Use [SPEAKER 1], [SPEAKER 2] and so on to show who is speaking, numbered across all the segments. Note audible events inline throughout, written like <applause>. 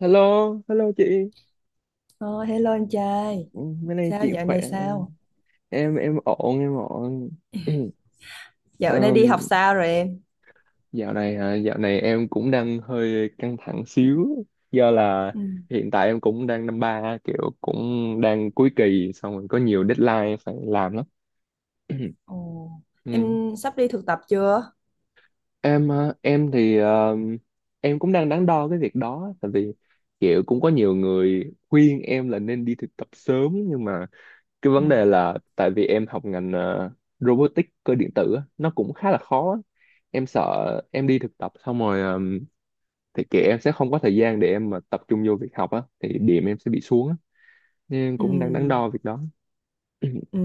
[SPEAKER 1] Hello, hello chị.
[SPEAKER 2] Ờ, Hello anh trai,
[SPEAKER 1] Ừ, bữa nay chị khỏe.
[SPEAKER 2] sao?
[SPEAKER 1] Em ổn, em ổn. <clears throat>
[SPEAKER 2] Dạo này đi
[SPEAKER 1] Ừm,
[SPEAKER 2] học sao rồi em?
[SPEAKER 1] dạo này hả? Dạo này em cũng đang hơi căng thẳng xíu do là
[SPEAKER 2] Ừ.
[SPEAKER 1] hiện tại em cũng đang năm ba, kiểu cũng đang cuối kỳ, xong rồi có nhiều deadline phải làm lắm. <clears throat>
[SPEAKER 2] Ồ,
[SPEAKER 1] Ừm.
[SPEAKER 2] em sắp đi thực tập chưa?
[SPEAKER 1] Em ờ, em thì ờ, em cũng đang đắn đo cái việc đó, tại vì kiểu cũng có nhiều người khuyên em là nên đi thực tập sớm, nhưng mà cái
[SPEAKER 2] Ừ.
[SPEAKER 1] vấn đề là tại vì em học ngành robotics cơ điện tử á, nó cũng khá là khó á. Em sợ em đi thực tập xong rồi thì kệ, em sẽ không có thời gian để em mà tập trung vô việc học á, thì điểm em sẽ bị xuống á, nên em
[SPEAKER 2] Ừ,
[SPEAKER 1] cũng đang đắn đo việc đó. <coughs>
[SPEAKER 2] ừ.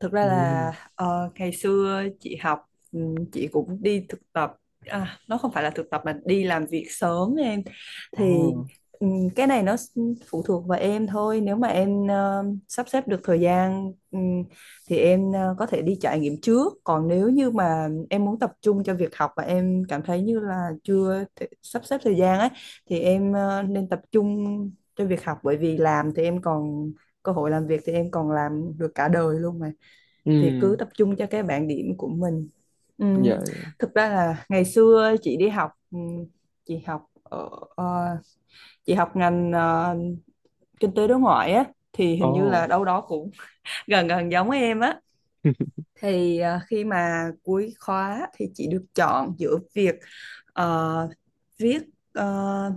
[SPEAKER 2] Thực
[SPEAKER 1] <clears throat>
[SPEAKER 2] ra
[SPEAKER 1] Ừ.
[SPEAKER 2] là ngày xưa chị học chị cũng đi thực tập à, nó không phải là thực tập mà đi làm việc sớm em thì
[SPEAKER 1] Oh.
[SPEAKER 2] ừ, cái này phụ thuộc vào em thôi, nếu mà em sắp xếp được thời gian thì em có thể đi trải nghiệm trước, còn nếu như mà em muốn tập trung cho việc học và em cảm thấy như là chưa thể sắp xếp thời gian ấy thì em nên tập trung cho việc học, bởi vì làm thì em còn cơ hội, làm việc thì em còn làm được cả đời luôn mà, thì cứ
[SPEAKER 1] Ừ.
[SPEAKER 2] tập trung cho cái bảng điểm của mình.
[SPEAKER 1] Dạ.
[SPEAKER 2] Ừm, Thực ra là ngày xưa chị đi học chị học ở ờ, chị học ngành kinh tế đối ngoại á, thì hình như là
[SPEAKER 1] Oh.
[SPEAKER 2] đâu đó cũng <laughs> gần gần giống em á,
[SPEAKER 1] <laughs>
[SPEAKER 2] thì khi mà cuối khóa thì chị được chọn giữa việc ờ, viết ờ,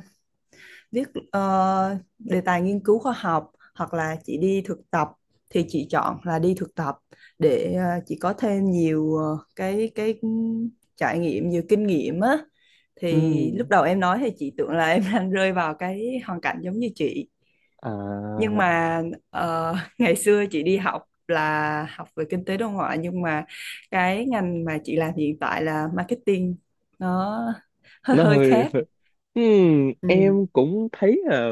[SPEAKER 2] viết ờ, đề tài nghiên cứu khoa học hoặc là chị đi thực tập, thì chị chọn là đi thực tập để chị có thêm nhiều ờ, cái trải nghiệm, nhiều kinh nghiệm á. Thì
[SPEAKER 1] Ừ.
[SPEAKER 2] lúc đầu em nói thì chị tưởng là em <laughs> đang rơi vào cái hoàn cảnh giống như chị, nhưng
[SPEAKER 1] À,
[SPEAKER 2] mà ờ, <laughs> ngày xưa chị đi học là học về kinh tế đối ngoại, nhưng mà cái ngành mà chị làm hiện tại là marketing, nó <laughs> hơi
[SPEAKER 1] nó
[SPEAKER 2] hơi
[SPEAKER 1] hơi
[SPEAKER 2] khác.
[SPEAKER 1] <laughs>
[SPEAKER 2] Ừ.
[SPEAKER 1] Em cũng thấy là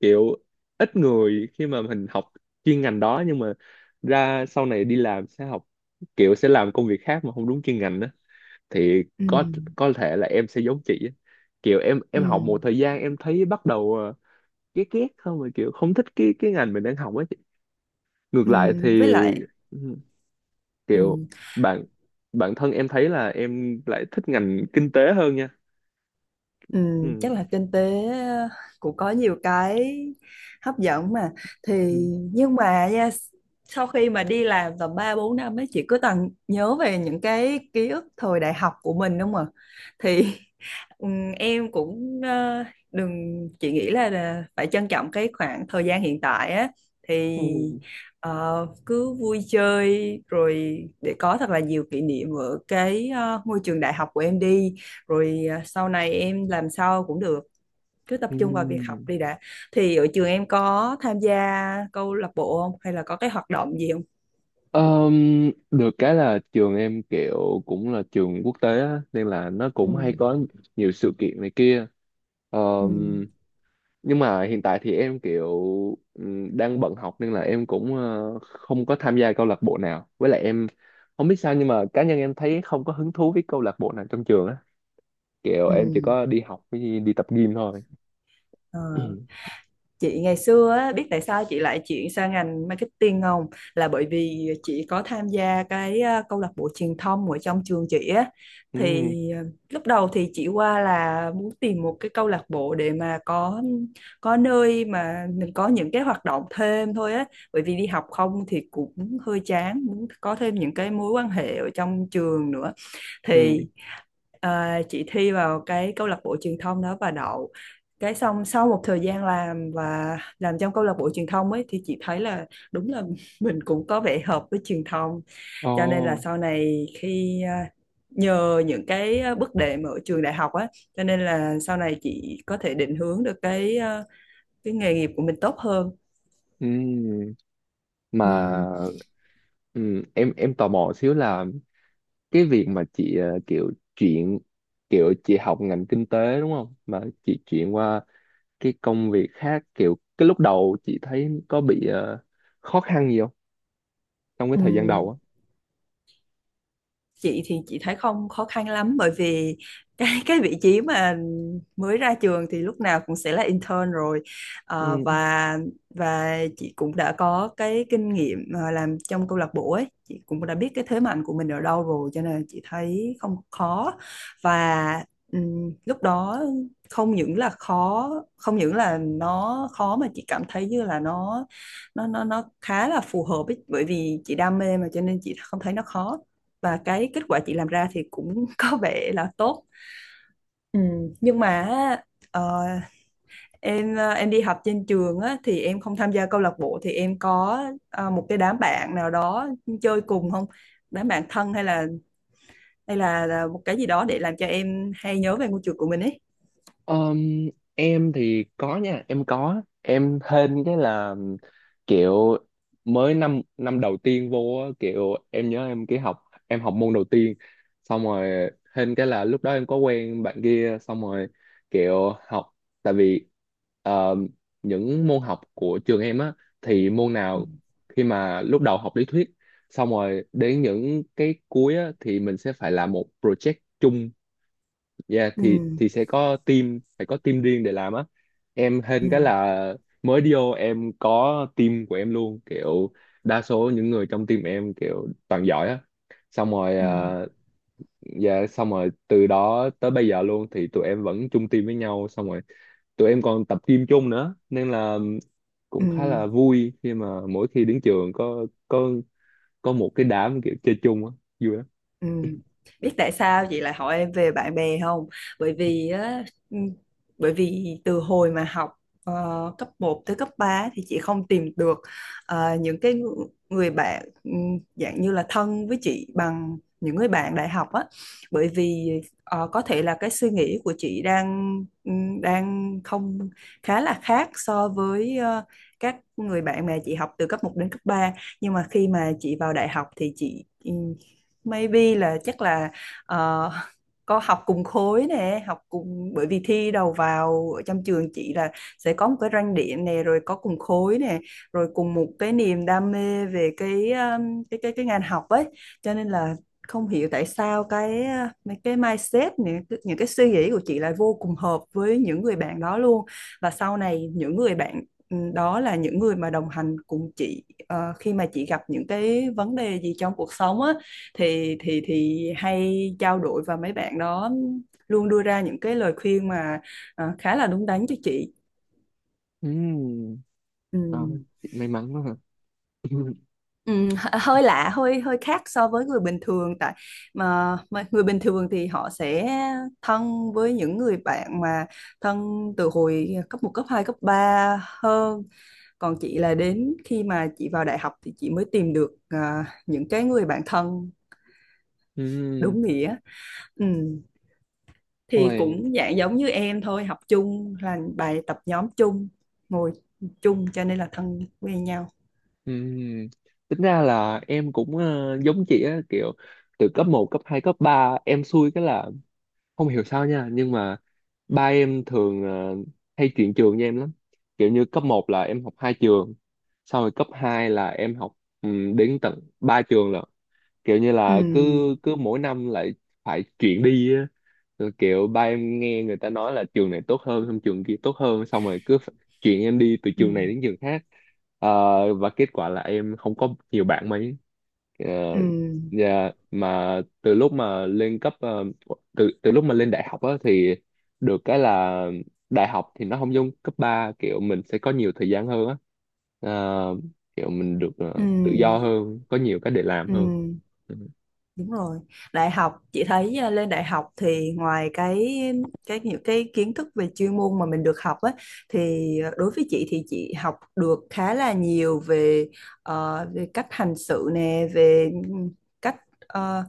[SPEAKER 1] kiểu ít người khi mà mình học chuyên ngành đó nhưng mà ra sau này đi làm sẽ học, kiểu sẽ làm công việc khác mà không đúng chuyên ngành đó, thì
[SPEAKER 2] Ừ,
[SPEAKER 1] có thể là em sẽ giống chị á. Kiểu em
[SPEAKER 2] ừ.
[SPEAKER 1] em học một thời gian em thấy bắt đầu ghét ghét không, mà kiểu không thích cái ngành mình đang học ấy chị. Ngược
[SPEAKER 2] Ừ,
[SPEAKER 1] lại thì
[SPEAKER 2] với lại
[SPEAKER 1] ừm, kiểu
[SPEAKER 2] ừ,
[SPEAKER 1] bạn bản thân em thấy là em lại thích ngành kinh tế hơn nha.
[SPEAKER 2] ừ,
[SPEAKER 1] Ừm.
[SPEAKER 2] chắc là kinh tế cũng có nhiều cái hấp dẫn mà, thì nhưng mà nha, sau khi mà đi làm tầm 3 4 năm ấy, chị cứ toàn nhớ về những cái ký ức thời đại học của mình đúng không ạ? Thì <laughs> ừ, em cũng đừng, chị nghĩ là phải trân trọng cái khoảng thời gian hiện tại á, thì
[SPEAKER 1] Ừm.
[SPEAKER 2] cứ vui chơi rồi để có thật là nhiều kỷ niệm ở cái ngôi trường đại học của em đi, rồi à, sau này em làm sao cũng được, cứ tập trung vào việc học
[SPEAKER 1] Ừm.
[SPEAKER 2] đi đã. Thì ở trường em có tham gia câu lạc bộ không, hay là có cái hoạt động gì không?
[SPEAKER 1] Được cái là trường em kiểu cũng là trường quốc tế á, nên là nó
[SPEAKER 2] Ừ.
[SPEAKER 1] cũng hay có nhiều sự kiện này kia.
[SPEAKER 2] Ừ.
[SPEAKER 1] Ờm, nhưng mà hiện tại thì em kiểu đang bận học, nên là em cũng không có tham gia câu lạc bộ nào. Với lại em không biết sao nhưng mà cá nhân em thấy không có hứng thú với câu lạc bộ nào trong trường á. Kiểu
[SPEAKER 2] Ừ.
[SPEAKER 1] em chỉ có đi học với đi tập gym thôi.
[SPEAKER 2] Ờ.
[SPEAKER 1] <clears throat>
[SPEAKER 2] Chị ngày xưa á, biết tại sao chị lại chuyển sang ngành marketing không? Là bởi vì chị có tham gia cái câu lạc bộ truyền thông ở trong trường chị á.
[SPEAKER 1] Ừ,
[SPEAKER 2] Thì ờ, lúc đầu thì chị qua là muốn tìm một cái câu lạc bộ để mà có nơi mà mình có những cái hoạt động thêm thôi á. Bởi vì đi học không thì cũng hơi chán, muốn có thêm những cái mối quan hệ ở trong trường nữa.
[SPEAKER 1] ừ,
[SPEAKER 2] Thì à, chị thi vào cái câu lạc bộ truyền thông đó và đậu, cái xong sau một thời gian làm và làm trong câu lạc bộ truyền thông ấy thì chị thấy là đúng là <laughs> mình cũng có vẻ hợp với truyền thông, cho nên là
[SPEAKER 1] ồ,
[SPEAKER 2] sau này khi à, nhờ những cái à, bước đệm ở trường đại học á, cho nên là sau này chị có thể định hướng được cái à, cái nghề nghiệp của mình tốt hơn.
[SPEAKER 1] ừ. Mà
[SPEAKER 2] Ừ.
[SPEAKER 1] ừ, em tò mò xíu là cái việc mà chị kiểu chị học ngành kinh tế đúng không, mà chị chuyển qua cái công việc khác, kiểu cái lúc đầu chị thấy có bị khó khăn gì không trong cái
[SPEAKER 2] Ừ.
[SPEAKER 1] thời gian đầu á?
[SPEAKER 2] Chị thì chị thấy không khó khăn lắm, bởi vì cái <laughs> cái vị trí mà mới ra trường thì lúc nào cũng sẽ là intern rồi. Ờ,
[SPEAKER 1] Ừ.
[SPEAKER 2] và chị cũng đã có cái kinh nghiệm làm trong câu lạc bộ ấy, chị cũng đã biết cái thế mạnh của mình ở đâu rồi, cho nên chị thấy không khó. Và lúc đó không những là khó, không những là nó khó mà chị cảm thấy như là nó khá là phù hợp ấy, bởi vì chị đam mê mà cho nên chị không thấy nó khó, và cái kết quả chị làm ra thì cũng <laughs> có vẻ là tốt. Ừ. Nhưng mà ờ, em em đi học trên trường á, thì em không tham gia câu lạc bộ, thì em có một cái đám bạn nào đó chơi cùng không, đám bạn thân, hay là một cái gì đó để làm cho em hay nhớ về ngôi trường của mình ấy?
[SPEAKER 1] Ờm, em thì có nha, em có, em hên cái là kiểu mới năm năm đầu tiên vô á, kiểu em nhớ em cái học em học môn đầu tiên, xong rồi hên cái là lúc đó em có quen bạn kia, xong rồi kiểu học, tại vì ờm, những môn học của trường em á thì môn
[SPEAKER 2] Ừ.
[SPEAKER 1] nào khi mà lúc đầu học lý thuyết, xong rồi đến những cái cuối á, thì mình sẽ phải làm một project chung. Dạ
[SPEAKER 2] Ừ.
[SPEAKER 1] thì sẽ có team, phải có team riêng để làm á. Em hên
[SPEAKER 2] Ừ.
[SPEAKER 1] cái là mới đi vô em có team của em luôn, kiểu đa số những người trong team em kiểu toàn giỏi á, xong rồi
[SPEAKER 2] Ừ.
[SPEAKER 1] à, dạ xong rồi từ đó tới bây giờ luôn thì tụi em vẫn chung team với nhau, xong rồi tụi em còn tập gym chung nữa nên là
[SPEAKER 2] Ừ.
[SPEAKER 1] cũng khá là vui khi mà mỗi khi đến trường có có một cái đám kiểu chơi chung á, vui lắm.
[SPEAKER 2] Ừ. Biết tại sao chị lại hỏi em về bạn bè không? Bởi vì á, ừ, bởi vì từ hồi mà học ờ, cấp một tới cấp 3 thì chị không tìm được người bạn dạng như là thân với chị bằng những người bạn đại học á. Bởi vì có thể là cái suy nghĩ của chị đang ừ, đang không khá là khác so với các người bạn mà chị học từ cấp một đến cấp 3. Nhưng mà khi mà chị vào đại học thì chị ừ, maybe là chắc là ờ, có học cùng khối nè, học cùng, bởi vì thi đầu vào ở trong trường chị là sẽ có một cái ranh điểm nè, rồi có cùng khối nè, rồi cùng một cái niềm đam mê về cái cái ngành học ấy, cho nên là không hiểu tại sao cái mấy cái mindset, những cái suy nghĩ của chị lại vô cùng hợp với những người bạn đó luôn. Và sau này những người bạn ừ, đó là những người mà đồng hành cùng chị khi mà chị gặp những cái vấn đề gì trong cuộc sống á, thì thì hay trao đổi và mấy bạn đó luôn đưa ra những cái lời khuyên mà khá là đúng đắn cho chị.
[SPEAKER 1] Ừm,
[SPEAKER 2] Ừ.
[SPEAKER 1] rồi, may mắn quá hả <laughs>
[SPEAKER 2] Hơi lạ, hơi hơi khác so với người bình thường, tại mà người bình thường thì họ sẽ thân với những người bạn mà thân từ hồi cấp một, cấp hai, cấp 3 hơn, còn chị là đến khi mà chị vào đại học thì chị mới tìm được à, những cái người bạn thân
[SPEAKER 1] Ừm.
[SPEAKER 2] đúng nghĩa. Ừ. Thì
[SPEAKER 1] Ôi,
[SPEAKER 2] cũng dạng giống như em thôi, học chung, làm bài tập nhóm chung, ngồi chung cho nên là thân quen nhau.
[SPEAKER 1] ừm, tính ra là em cũng giống chị á, kiểu từ cấp một cấp 2 cấp 3 em xui cái là không hiểu sao nha, nhưng mà ba em thường hay chuyển trường với em lắm, kiểu như cấp một là em học hai trường, sau rồi cấp 2 là em học đến tận ba trường lận, kiểu như
[SPEAKER 2] Ừ.
[SPEAKER 1] là cứ cứ mỗi năm lại phải chuyển đi á, rồi kiểu ba em nghe người ta nói là trường này tốt hơn, xong trường kia tốt hơn, xong rồi cứ phải chuyển em đi từ
[SPEAKER 2] Ừ.
[SPEAKER 1] trường này đến trường khác. Ờ, và kết quả là em không có nhiều bạn mấy. Ờ,
[SPEAKER 2] Ừ.
[SPEAKER 1] dạ, mà từ lúc mà lên cấp ờ, từ từ lúc mà lên đại học á thì được cái là đại học thì nó không giống cấp ba, kiểu mình sẽ có nhiều thời gian hơn á. Ờ, kiểu mình được tự do
[SPEAKER 2] Ừ.
[SPEAKER 1] hơn, có nhiều cái để làm
[SPEAKER 2] Ừ.
[SPEAKER 1] hơn. Ừ.
[SPEAKER 2] Đúng rồi. Đại học chị thấy à, lên đại học thì ngoài cái những cái kiến thức về chuyên môn mà mình được học á, thì à, đối với chị thì chị học được khá là nhiều về về cách hành sự nè, về cách ờ,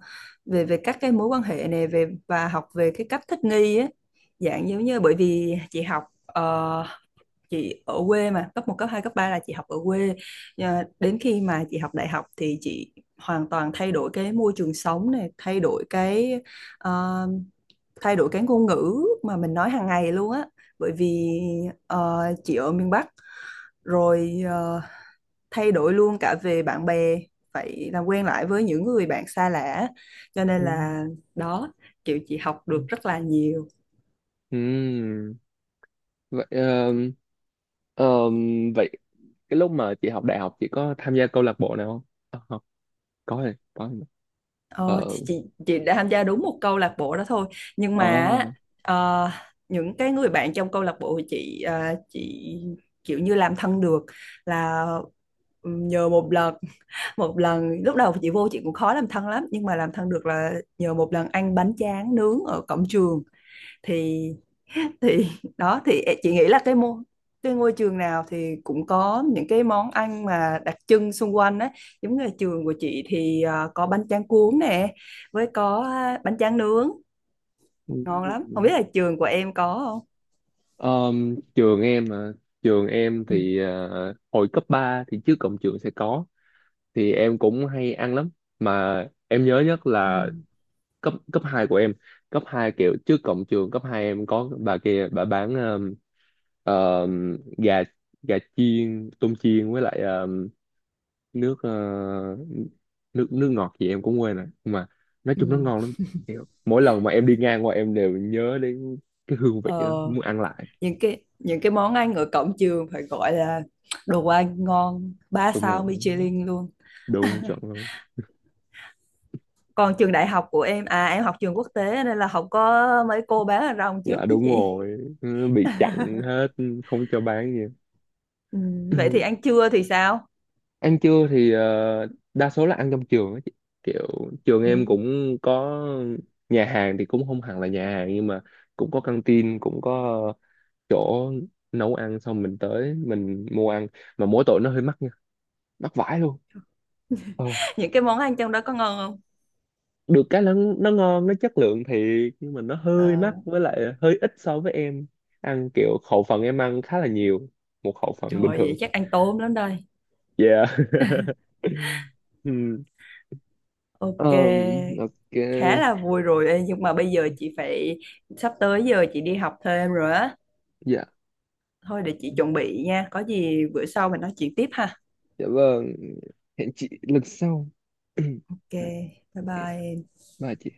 [SPEAKER 2] về về các cái mối quan hệ nè, về và học về cái cách thích nghi á. Dạng giống như bởi vì chị học chị ở quê mà, cấp một, cấp hai, cấp 3 là chị học ở quê. Ờ, đến khi mà chị học đại học thì chị hoàn toàn thay đổi cái môi trường sống này, thay đổi cái ờ, thay đổi cái ngôn ngữ mà mình nói hàng ngày luôn á, bởi vì chị ở miền Bắc, rồi thay đổi luôn cả về bạn bè, phải làm quen lại với những người bạn xa lạ, cho nên
[SPEAKER 1] Ừ.
[SPEAKER 2] là đó, kiểu chị học được rất là nhiều.
[SPEAKER 1] Ừ. Vậy ờ, ờ, vậy cái lúc mà chị học đại học chị có tham gia câu lạc bộ nào không? Ờ, có rồi, có rồi.
[SPEAKER 2] Ờ, thì
[SPEAKER 1] Ờ,
[SPEAKER 2] chị đã tham gia đúng một câu lạc bộ đó thôi, nhưng mà á,
[SPEAKER 1] à,
[SPEAKER 2] ờ, những cái người bạn trong câu lạc bộ thì chị chị kiểu như làm thân được là nhờ một lần <laughs> một lần lúc đầu chị vô chị cũng khó làm thân lắm, nhưng mà làm thân được là nhờ một lần ăn bánh tráng nướng ở cổng trường, thì thì <laughs> đó thì chị nghĩ là cái ngôi trường nào thì cũng có những cái món ăn mà đặc trưng xung quanh á, giống như là trường của chị thì à, có bánh tráng cuốn nè, với có à, bánh tráng nướng ngon lắm, không
[SPEAKER 1] ừ.
[SPEAKER 2] biết là trường của em có không.
[SPEAKER 1] Ờm, trường em mà trường em
[SPEAKER 2] Ừ.
[SPEAKER 1] thì hồi cấp 3 thì trước cổng trường sẽ có, thì em cũng hay ăn lắm, mà em nhớ nhất
[SPEAKER 2] Ừ.
[SPEAKER 1] là cấp cấp 2 của em. Cấp 2 kiểu trước cổng trường cấp 2 em có bà kia bà bán ờ, gà gà chiên, tôm chiên, với lại nước ờ, nước nước ngọt gì em cũng quên rồi, nhưng mà nói
[SPEAKER 2] Ừ.
[SPEAKER 1] chung nó ngon lắm. Kiểu mỗi lần mà em đi ngang qua em đều nhớ đến cái hương vị
[SPEAKER 2] Ờ,
[SPEAKER 1] đó, muốn ăn lại.
[SPEAKER 2] những cái món ăn ở cổng trường phải gọi là đồ ăn ngon ba
[SPEAKER 1] Đúng
[SPEAKER 2] sao
[SPEAKER 1] rồi,
[SPEAKER 2] Michelin luôn.
[SPEAKER 1] đúng chuẩn luôn.
[SPEAKER 2] Còn trường đại học của em à, em học trường quốc tế nên là không có mấy cô bán hàng rong trước
[SPEAKER 1] Dạ
[SPEAKER 2] chứ
[SPEAKER 1] đúng
[SPEAKER 2] chị.
[SPEAKER 1] rồi. Ừ, bị chặn hết, không cho bán gì.
[SPEAKER 2] Ừ, vậy thì
[SPEAKER 1] <clears throat>
[SPEAKER 2] ăn trưa thì sao?
[SPEAKER 1] Ăn trưa thì đa số là ăn trong trường á chị. Kiểu trường em
[SPEAKER 2] Ừ.
[SPEAKER 1] cũng có nhà hàng, thì cũng không hẳn là nhà hàng, nhưng mà cũng có căng tin, cũng có chỗ nấu ăn xong mình tới mình mua ăn, mà mỗi tội nó hơi mắc nha, mắc vãi luôn. Ờ.
[SPEAKER 2] Những cái món ăn trong đó có ngon không?
[SPEAKER 1] Được cái nó ngon, nó chất lượng thiệt, nhưng mà nó hơi
[SPEAKER 2] Ờ,
[SPEAKER 1] mắc, với lại hơi ít so với em ăn, kiểu khẩu phần em ăn khá là nhiều, một khẩu phần
[SPEAKER 2] trời
[SPEAKER 1] bình
[SPEAKER 2] vậy
[SPEAKER 1] thường.
[SPEAKER 2] chắc ăn tôm lắm đây.
[SPEAKER 1] Yeah <laughs> Ừm,
[SPEAKER 2] Ok,
[SPEAKER 1] ờm, ok,
[SPEAKER 2] khá là vui rồi. Ê, nhưng mà bây giờ chị phải, sắp tới giờ chị đi học thêm rồi á.
[SPEAKER 1] dạ,
[SPEAKER 2] Thôi để chị chuẩn bị nha. Có gì bữa sau mình nói chuyện tiếp ha.
[SPEAKER 1] dạ vâng, hẹn chị lần sau. <clears throat>
[SPEAKER 2] Ok,
[SPEAKER 1] Dạ,
[SPEAKER 2] bye
[SPEAKER 1] ok,
[SPEAKER 2] bye.
[SPEAKER 1] bye chị.